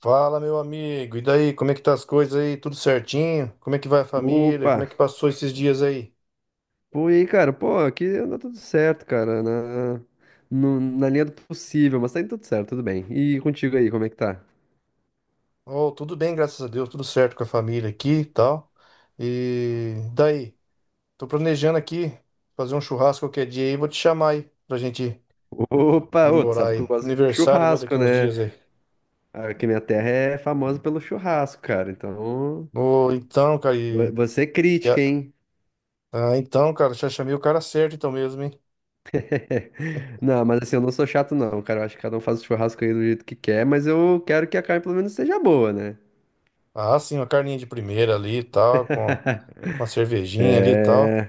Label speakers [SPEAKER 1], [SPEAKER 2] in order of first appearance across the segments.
[SPEAKER 1] Fala, meu amigo. E daí, como é que tá as coisas aí? Tudo certinho? Como é que vai a família?
[SPEAKER 2] Opa!
[SPEAKER 1] Como é que passou esses dias aí?
[SPEAKER 2] Pô, e aí, cara? Pô, aqui anda tudo certo, cara, na, no- na linha do possível, mas tá indo tudo certo, tudo bem. E contigo aí, como é que tá?
[SPEAKER 1] Oh, tudo bem, graças a Deus, tudo certo com a família aqui e tal. E daí, tô planejando aqui fazer um churrasco qualquer dia aí, vou te chamar aí pra gente
[SPEAKER 2] Opa! Ô, tu
[SPEAKER 1] comemorar
[SPEAKER 2] sabe que eu
[SPEAKER 1] aí.
[SPEAKER 2] gosto de
[SPEAKER 1] Aniversário meu
[SPEAKER 2] churrasco,
[SPEAKER 1] daqui uns
[SPEAKER 2] né?
[SPEAKER 1] dias aí.
[SPEAKER 2] Aqui minha terra é famosa pelo churrasco, cara, então...
[SPEAKER 1] Oh, então, cara,
[SPEAKER 2] Você é
[SPEAKER 1] e a-
[SPEAKER 2] crítica, hein?
[SPEAKER 1] Ah, então, cara, já chamei o cara certo então mesmo, hein?
[SPEAKER 2] Não, mas assim, eu não sou chato, não, cara. Eu acho que cada um faz o churrasco aí do jeito que quer, mas eu quero que a carne pelo menos seja boa, né?
[SPEAKER 1] Ah, sim, uma carninha de primeira ali e tal, com uma cervejinha ali e tal.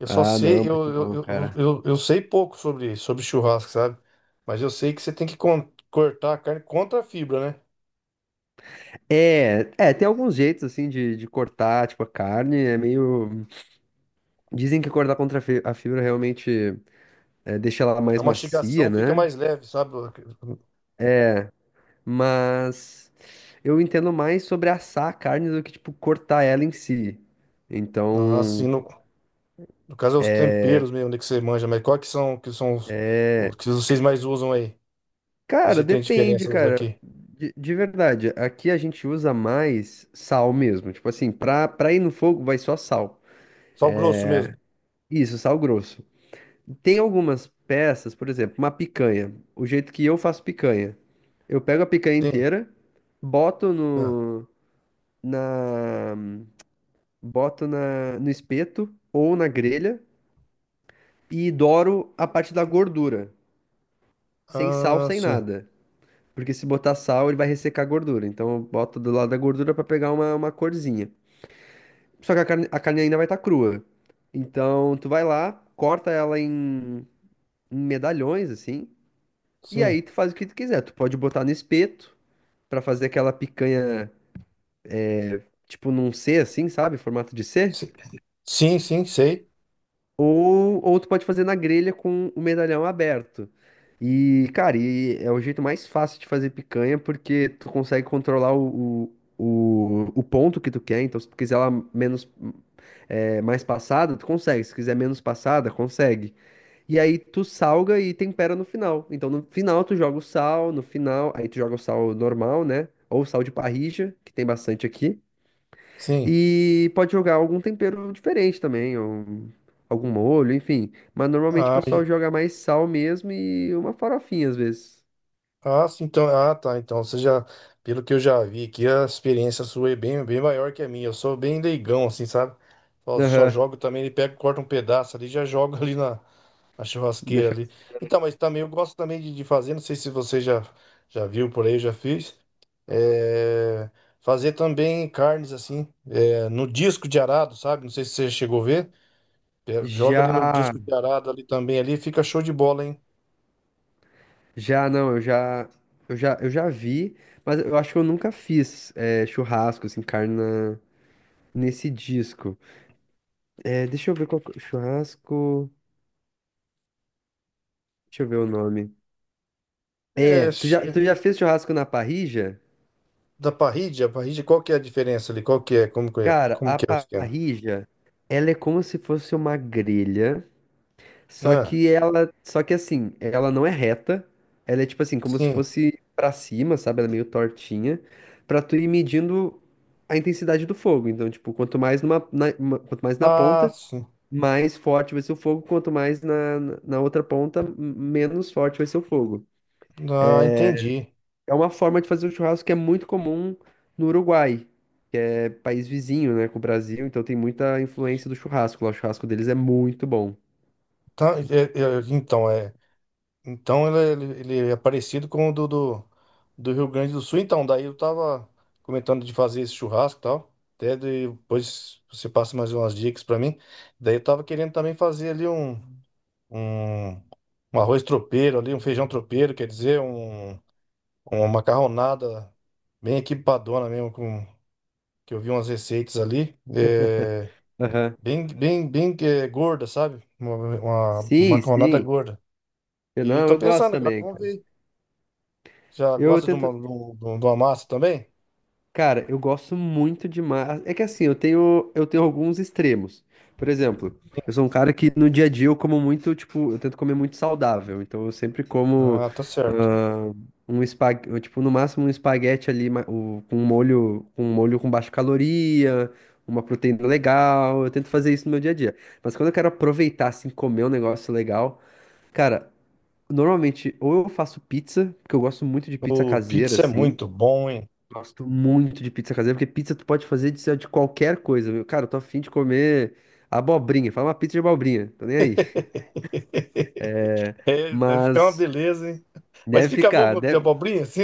[SPEAKER 1] Eu só
[SPEAKER 2] Ah, não,
[SPEAKER 1] sei, eu,
[SPEAKER 2] muito
[SPEAKER 1] eu,
[SPEAKER 2] bom,
[SPEAKER 1] eu,
[SPEAKER 2] cara.
[SPEAKER 1] eu, eu sei pouco sobre churrasco, sabe? Mas eu sei que você tem que cortar a carne contra a fibra, né?
[SPEAKER 2] É, é, tem alguns jeitos assim de cortar, tipo, a carne, é meio. Dizem que cortar contra a fibra realmente é, deixa ela
[SPEAKER 1] A
[SPEAKER 2] mais macia,
[SPEAKER 1] mastigação fica
[SPEAKER 2] né?
[SPEAKER 1] mais leve, sabe?
[SPEAKER 2] Mas eu entendo mais sobre assar a carne do que, tipo, cortar ela em si.
[SPEAKER 1] Assim,
[SPEAKER 2] Então,
[SPEAKER 1] no, no caso é os temperos mesmo, né, que você manja, mas qual que são, os
[SPEAKER 2] é,
[SPEAKER 1] que vocês mais usam aí?
[SPEAKER 2] cara,
[SPEAKER 1] Você tem
[SPEAKER 2] depende,
[SPEAKER 1] diferença dos
[SPEAKER 2] cara.
[SPEAKER 1] daqui?
[SPEAKER 2] De verdade, aqui a gente usa mais sal mesmo. Tipo assim, pra ir no fogo vai só sal.
[SPEAKER 1] Só o grosso mesmo?
[SPEAKER 2] Isso, sal grosso. Tem algumas peças, por exemplo, uma picanha. O jeito que eu faço picanha. Eu pego a picanha
[SPEAKER 1] Sim.
[SPEAKER 2] inteira, boto
[SPEAKER 1] Ah,
[SPEAKER 2] no, na, boto na, no espeto ou na grelha e douro a parte da gordura. Sem sal,
[SPEAKER 1] ah,
[SPEAKER 2] sem
[SPEAKER 1] sim.
[SPEAKER 2] nada. Porque se botar sal, ele vai ressecar a gordura. Então eu boto do lado da gordura pra pegar uma corzinha. Só que a carne ainda vai estar crua. Então tu vai lá, corta ela em, em medalhões, assim. E
[SPEAKER 1] Sim.
[SPEAKER 2] aí tu faz o que tu quiser. Tu pode botar no espeto pra fazer aquela picanha, tipo num C assim, sabe? Formato de C.
[SPEAKER 1] Sim, sim, sim, sei.
[SPEAKER 2] Ou tu pode fazer na grelha com o medalhão aberto. E, cara, e é o jeito mais fácil de fazer picanha porque tu consegue controlar o ponto que tu quer. Então, se tu quiser ela menos, é, mais passada, tu consegue. Se quiser menos passada, consegue. E aí tu salga e tempera no final. Então no final tu joga o sal, no final, aí tu joga o sal normal, né? Ou sal de parrilla, que tem bastante aqui.
[SPEAKER 1] Sim.
[SPEAKER 2] E pode jogar algum tempero diferente também, ou algum molho, enfim. Mas normalmente o
[SPEAKER 1] Ah,
[SPEAKER 2] pessoal joga mais sal mesmo e uma farofinha às vezes.
[SPEAKER 1] ah, sim, então, ah, tá. Então, você já, pelo que eu já vi aqui, a experiência sua é bem, bem maior que a minha. Eu sou bem leigão, assim, sabe? Só
[SPEAKER 2] Aham.
[SPEAKER 1] jogo também, ele pega, corta um pedaço ali, já joga ali na, na churrasqueira
[SPEAKER 2] Deixa
[SPEAKER 1] ali.
[SPEAKER 2] eu-
[SPEAKER 1] Então, mas também eu gosto também de fazer, não sei se você já, já viu por aí, eu já fiz. é, Fazer também carnes assim, no disco de arado, sabe? Não sei se você chegou a ver. É, joga ali no
[SPEAKER 2] Já,
[SPEAKER 1] disco de arado ali também ali, fica show de bola, hein?
[SPEAKER 2] já não, eu já, eu já, eu já vi, mas eu acho que eu nunca fiz é, churrasco assim, carne nesse disco. É, deixa eu ver churrasco. Deixa eu ver o nome. É,
[SPEAKER 1] É,
[SPEAKER 2] tu já fez churrasco na parrilla?
[SPEAKER 1] da parrídia, a parrídia, qual que é a diferença ali? Qual que é? Como que é?
[SPEAKER 2] Cara,
[SPEAKER 1] Como
[SPEAKER 2] a
[SPEAKER 1] que é o esquema?
[SPEAKER 2] parrilla, ela é como se fosse uma grelha,
[SPEAKER 1] Ah,
[SPEAKER 2] só que assim, ela não é reta, ela é tipo assim, como se
[SPEAKER 1] sim.
[SPEAKER 2] fosse pra cima, sabe? Ela é meio tortinha, pra tu ir medindo a intensidade do fogo. Então, tipo, quanto mais na
[SPEAKER 1] Ah,
[SPEAKER 2] ponta,
[SPEAKER 1] sim.
[SPEAKER 2] mais forte vai ser o fogo, quanto mais na na outra ponta, menos forte vai ser o fogo.
[SPEAKER 1] Ah, entendi.
[SPEAKER 2] É uma forma de fazer o churrasco que é muito comum no Uruguai, que é país vizinho, né, com o Brasil, então tem muita influência do churrasco lá. O churrasco deles é muito bom.
[SPEAKER 1] Tá, é- então, é. Ele é parecido com o do Rio Grande do Sul. Então, daí eu tava comentando de fazer esse churrasco e tal. Até depois você passa mais umas dicas pra mim. Daí eu tava querendo também fazer ali um, um arroz tropeiro ali, um feijão tropeiro, quer dizer, um... Uma macarronada bem equipadona mesmo, com, que eu vi umas receitas ali. É,
[SPEAKER 2] Aham.
[SPEAKER 1] bem gorda, sabe? Uma
[SPEAKER 2] Sim,
[SPEAKER 1] macarronada
[SPEAKER 2] sim.
[SPEAKER 1] gorda.
[SPEAKER 2] Eu,
[SPEAKER 1] E
[SPEAKER 2] não,
[SPEAKER 1] tô
[SPEAKER 2] eu gosto
[SPEAKER 1] pensando agora,
[SPEAKER 2] também,
[SPEAKER 1] vamos
[SPEAKER 2] cara.
[SPEAKER 1] ver. Já
[SPEAKER 2] Eu
[SPEAKER 1] gosta de uma,
[SPEAKER 2] tento,
[SPEAKER 1] de uma massa também?
[SPEAKER 2] cara, eu gosto muito de mar. É que assim, eu tenho alguns extremos. Por exemplo, eu sou um cara que no dia a dia eu como muito, tipo, eu tento comer muito saudável. Então eu sempre como
[SPEAKER 1] Ah, tá certo.
[SPEAKER 2] ah, um espaguete, tipo, no máximo um espaguete ali com um molho, com um molho com baixa caloria, uma proteína legal. Eu tento fazer isso no meu dia a dia. Mas quando eu quero aproveitar, assim, comer um negócio legal, cara, normalmente ou eu faço pizza, porque eu gosto muito de pizza
[SPEAKER 1] O
[SPEAKER 2] caseira,
[SPEAKER 1] pizza é
[SPEAKER 2] assim.
[SPEAKER 1] muito bom, hein?
[SPEAKER 2] Gosto muito de pizza caseira, porque pizza tu pode fazer de qualquer coisa, meu. Cara, eu tô afim de comer abobrinha. Fala uma pizza de abobrinha, tô nem aí.
[SPEAKER 1] É, deve ficar uma
[SPEAKER 2] Mas
[SPEAKER 1] beleza, hein? Mas
[SPEAKER 2] deve
[SPEAKER 1] fica bom
[SPEAKER 2] ficar,
[SPEAKER 1] com de
[SPEAKER 2] deve...
[SPEAKER 1] abobrinha, assim?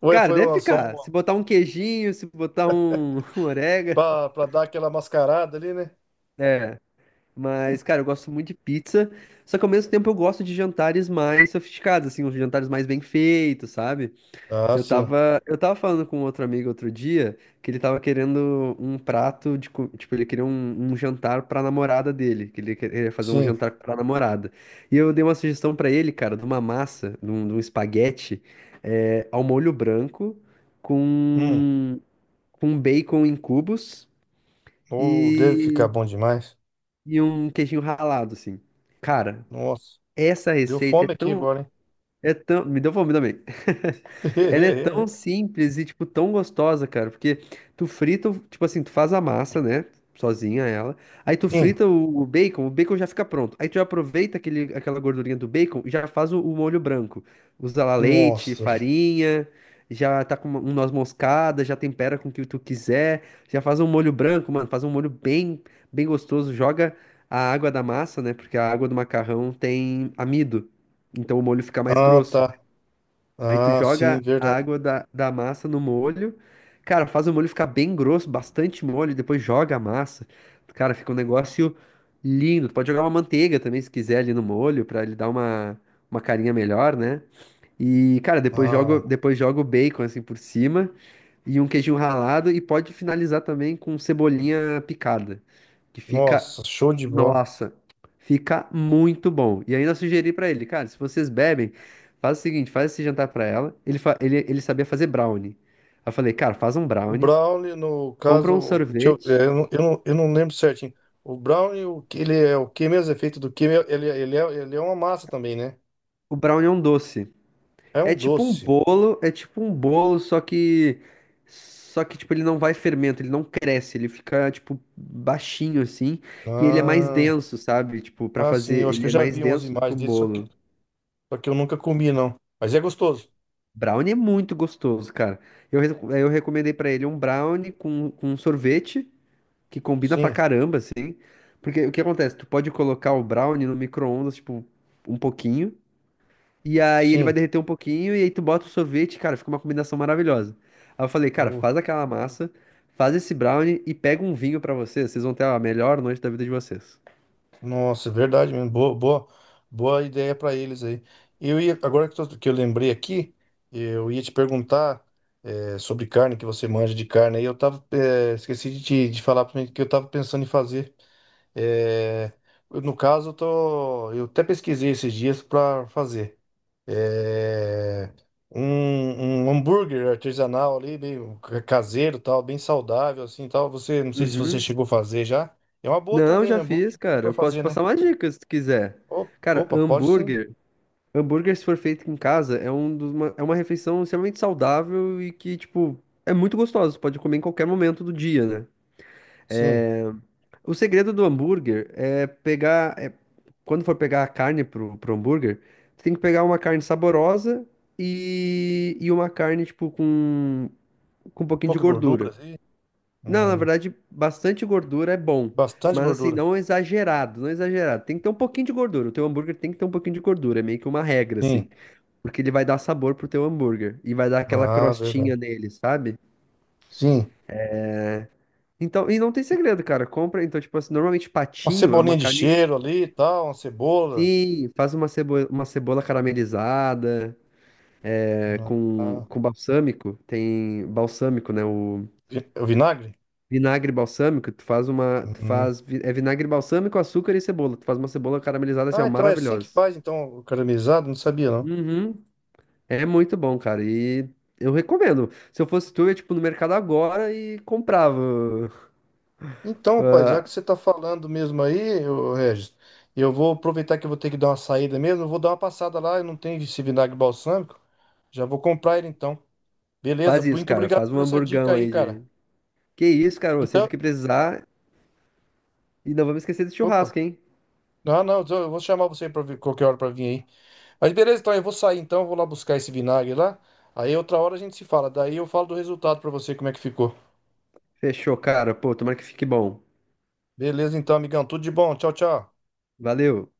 [SPEAKER 1] Ou
[SPEAKER 2] Cara,
[SPEAKER 1] foi
[SPEAKER 2] deve
[SPEAKER 1] uma, só
[SPEAKER 2] ficar.
[SPEAKER 1] uma,
[SPEAKER 2] Se botar um queijinho, se botar um, um orégano,
[SPEAKER 1] pra, pra dar aquela mascarada ali, né?
[SPEAKER 2] é. Mas, cara, eu gosto muito de pizza, só que ao mesmo tempo eu gosto de jantares mais sofisticados, assim, uns jantares mais bem feitos, sabe?
[SPEAKER 1] Ah, sim,
[SPEAKER 2] Eu tava falando com outro amigo outro dia que ele tava querendo um prato tipo, ele queria um jantar pra namorada dele, que ele queria fazer um
[SPEAKER 1] sim.
[SPEAKER 2] jantar pra namorada. E eu dei uma sugestão pra ele, cara, de uma massa, de um espaguete, é, ao molho branco,
[SPEAKER 1] Hum.
[SPEAKER 2] com, com bacon em cubos
[SPEAKER 1] Ou deve ficar
[SPEAKER 2] e,
[SPEAKER 1] bom demais.
[SPEAKER 2] e um queijinho ralado, assim. Cara,
[SPEAKER 1] Nossa,
[SPEAKER 2] essa
[SPEAKER 1] deu
[SPEAKER 2] receita
[SPEAKER 1] fome aqui agora,
[SPEAKER 2] é tão... Me deu fome também. Ela é tão
[SPEAKER 1] hein?
[SPEAKER 2] simples e, tipo, tão gostosa, cara. Porque tu frita, tipo assim, tu faz a massa, né? Sozinha ela. Aí tu
[SPEAKER 1] Sim,
[SPEAKER 2] frita o bacon já fica pronto. Aí tu já aproveita aquele, aquela gordurinha do bacon e já faz o molho branco. Usa lá leite,
[SPEAKER 1] nossa.
[SPEAKER 2] farinha, já tá com um noz moscada, já tempera com o que tu quiser. Já faz um molho branco, mano. Faz um molho bem, bem gostoso. Joga a água da massa, né? Porque a água do macarrão tem amido. Então o molho fica mais
[SPEAKER 1] Ah,
[SPEAKER 2] grosso.
[SPEAKER 1] tá.
[SPEAKER 2] Aí tu
[SPEAKER 1] Ah, sim,
[SPEAKER 2] joga a
[SPEAKER 1] verdade.
[SPEAKER 2] água da massa no molho. Cara, faz o molho ficar bem grosso, bastante molho, depois joga a massa. Cara, fica um negócio lindo. Tu pode jogar uma manteiga também, se quiser, ali no molho, pra ele dar uma carinha melhor, né? E, cara,
[SPEAKER 1] Ah,
[SPEAKER 2] depois jogo o bacon assim por cima e um queijinho ralado e pode finalizar também com cebolinha picada, que fica,
[SPEAKER 1] nossa, show de bola.
[SPEAKER 2] nossa, fica muito bom. E ainda sugeri pra ele, cara, se vocês bebem, faz o seguinte, faz esse jantar pra ela. Ele sabia fazer brownie. Aí eu falei, cara, faz um
[SPEAKER 1] O
[SPEAKER 2] brownie,
[SPEAKER 1] brownie, no
[SPEAKER 2] compra um
[SPEAKER 1] caso, deixa eu, é,
[SPEAKER 2] sorvete.
[SPEAKER 1] eu, não, eu não lembro certinho. O brownie, o que ele é o que mesmo é feito do que ele, é, ele, é, ele é uma massa também, né?
[SPEAKER 2] O brownie é um doce.
[SPEAKER 1] É
[SPEAKER 2] É
[SPEAKER 1] um
[SPEAKER 2] tipo um
[SPEAKER 1] doce.
[SPEAKER 2] bolo, é tipo um bolo, só que tipo ele não vai fermento, ele não cresce, ele fica tipo baixinho assim, e ele é mais
[SPEAKER 1] Ah,
[SPEAKER 2] denso, sabe? Tipo, pra
[SPEAKER 1] ah, sim, eu
[SPEAKER 2] fazer,
[SPEAKER 1] acho que
[SPEAKER 2] ele
[SPEAKER 1] eu
[SPEAKER 2] é
[SPEAKER 1] já
[SPEAKER 2] mais
[SPEAKER 1] vi umas
[SPEAKER 2] denso do que
[SPEAKER 1] imagens
[SPEAKER 2] um
[SPEAKER 1] dele,
[SPEAKER 2] bolo.
[SPEAKER 1] só que eu nunca comi, não. Mas é gostoso.
[SPEAKER 2] Brownie é muito gostoso, cara. Eu recomendei pra ele um brownie com um sorvete que combina pra
[SPEAKER 1] Sim,
[SPEAKER 2] caramba assim, porque o que acontece? Tu pode colocar o brownie no micro-ondas, tipo, um pouquinho. E aí ele vai
[SPEAKER 1] sim.
[SPEAKER 2] derreter um pouquinho e aí tu bota o sorvete, cara, fica uma combinação maravilhosa. Aí eu falei, cara, faz aquela massa, faz esse brownie e pega um vinho pra vocês, vocês vão ter a melhor noite da vida de vocês.
[SPEAKER 1] Nossa, é verdade mesmo. Boa, boa, boa ideia para eles aí. Eu ia, agora que, que eu lembrei aqui, eu ia te perguntar sobre carne, que você manja de carne. Aí eu tava, esqueci de, te, de falar para mim que eu tava pensando em fazer. eh, eu, no caso, eu tô, eu até pesquisei esses dias para fazer eh, um, um hambúrguer artesanal ali, meio caseiro, tal, bem saudável assim, tal. Você, não sei se você
[SPEAKER 2] Uhum.
[SPEAKER 1] chegou a fazer já. É uma boa
[SPEAKER 2] Não,
[SPEAKER 1] também,
[SPEAKER 2] já
[SPEAKER 1] né? Boa
[SPEAKER 2] fiz, cara.
[SPEAKER 1] para
[SPEAKER 2] Eu posso
[SPEAKER 1] fazer,
[SPEAKER 2] te
[SPEAKER 1] né?
[SPEAKER 2] passar uma dica se tu quiser.
[SPEAKER 1] O-
[SPEAKER 2] Cara,
[SPEAKER 1] opa, pode sim.
[SPEAKER 2] hambúrguer, hambúrguer se for feito em casa é um é uma refeição extremamente saudável e que, tipo, é muito gostosa, tu pode comer em qualquer momento do dia, né?
[SPEAKER 1] Sim.
[SPEAKER 2] É, o segredo do hambúrguer é pegar. É quando for pegar a carne pro hambúrguer, tu tem que pegar uma carne saborosa e uma carne, tipo, com um pouquinho de
[SPEAKER 1] Pouca
[SPEAKER 2] gordura.
[SPEAKER 1] gordura, sim.
[SPEAKER 2] Não, na
[SPEAKER 1] Hum,
[SPEAKER 2] verdade, bastante gordura é bom.
[SPEAKER 1] bastante
[SPEAKER 2] Mas assim,
[SPEAKER 1] gordura.
[SPEAKER 2] não exagerado, não exagerado. Tem que ter um pouquinho de gordura. O teu hambúrguer tem que ter um pouquinho de gordura. É meio que uma regra, assim.
[SPEAKER 1] Sim.
[SPEAKER 2] Porque ele vai dar sabor pro teu hambúrguer. E vai dar aquela
[SPEAKER 1] Ah,
[SPEAKER 2] crostinha
[SPEAKER 1] verdade.
[SPEAKER 2] nele, sabe?
[SPEAKER 1] Sim.
[SPEAKER 2] Então, e não tem segredo, cara. Compra. Então, tipo assim, normalmente
[SPEAKER 1] Uma
[SPEAKER 2] patinho é
[SPEAKER 1] cebolinha
[SPEAKER 2] uma
[SPEAKER 1] de
[SPEAKER 2] carne.
[SPEAKER 1] cheiro ali e tal, uma cebola.
[SPEAKER 2] Sim, faz uma cebola caramelizada, é,
[SPEAKER 1] Ah,
[SPEAKER 2] com balsâmico, tem balsâmico, né? O
[SPEAKER 1] é o vinagre?
[SPEAKER 2] vinagre balsâmico, tu faz uma,
[SPEAKER 1] Uhum.
[SPEAKER 2] é vinagre balsâmico, açúcar e cebola, tu faz uma cebola caramelizada assim,
[SPEAKER 1] Ah,
[SPEAKER 2] ó,
[SPEAKER 1] então é assim que
[SPEAKER 2] maravilhosa.
[SPEAKER 1] faz, então, o caramelizado? Não sabia, não.
[SPEAKER 2] Uhum. É muito bom, cara, e eu recomendo. Se eu fosse tu, eu ia, tipo, no mercado agora e comprava.
[SPEAKER 1] Então, rapaz, já
[SPEAKER 2] Ah,
[SPEAKER 1] que você tá falando mesmo aí, ô, Regis, eu vou aproveitar que eu vou ter que dar uma saída mesmo, eu vou dar uma passada lá, eu não tenho esse vinagre balsâmico, já vou comprar ele então. Beleza,
[SPEAKER 2] faz isso,
[SPEAKER 1] muito
[SPEAKER 2] cara,
[SPEAKER 1] obrigado
[SPEAKER 2] faz um
[SPEAKER 1] por essa dica
[SPEAKER 2] hamburgão
[SPEAKER 1] aí,
[SPEAKER 2] aí
[SPEAKER 1] cara.
[SPEAKER 2] de... Que isso, cara, ô,
[SPEAKER 1] Então,
[SPEAKER 2] sempre que precisar, e não vamos esquecer do
[SPEAKER 1] opa.
[SPEAKER 2] churrasco, hein?
[SPEAKER 1] Não, não, eu vou chamar você qualquer hora pra vir aí. Mas beleza, então eu vou sair então, vou lá buscar esse vinagre lá. Aí outra hora a gente se fala. Daí eu falo do resultado pra você, como é que ficou.
[SPEAKER 2] Fechou, cara, pô, tomara que fique bom.
[SPEAKER 1] Beleza, então, amigão, tudo de bom. Tchau, tchau.
[SPEAKER 2] Valeu.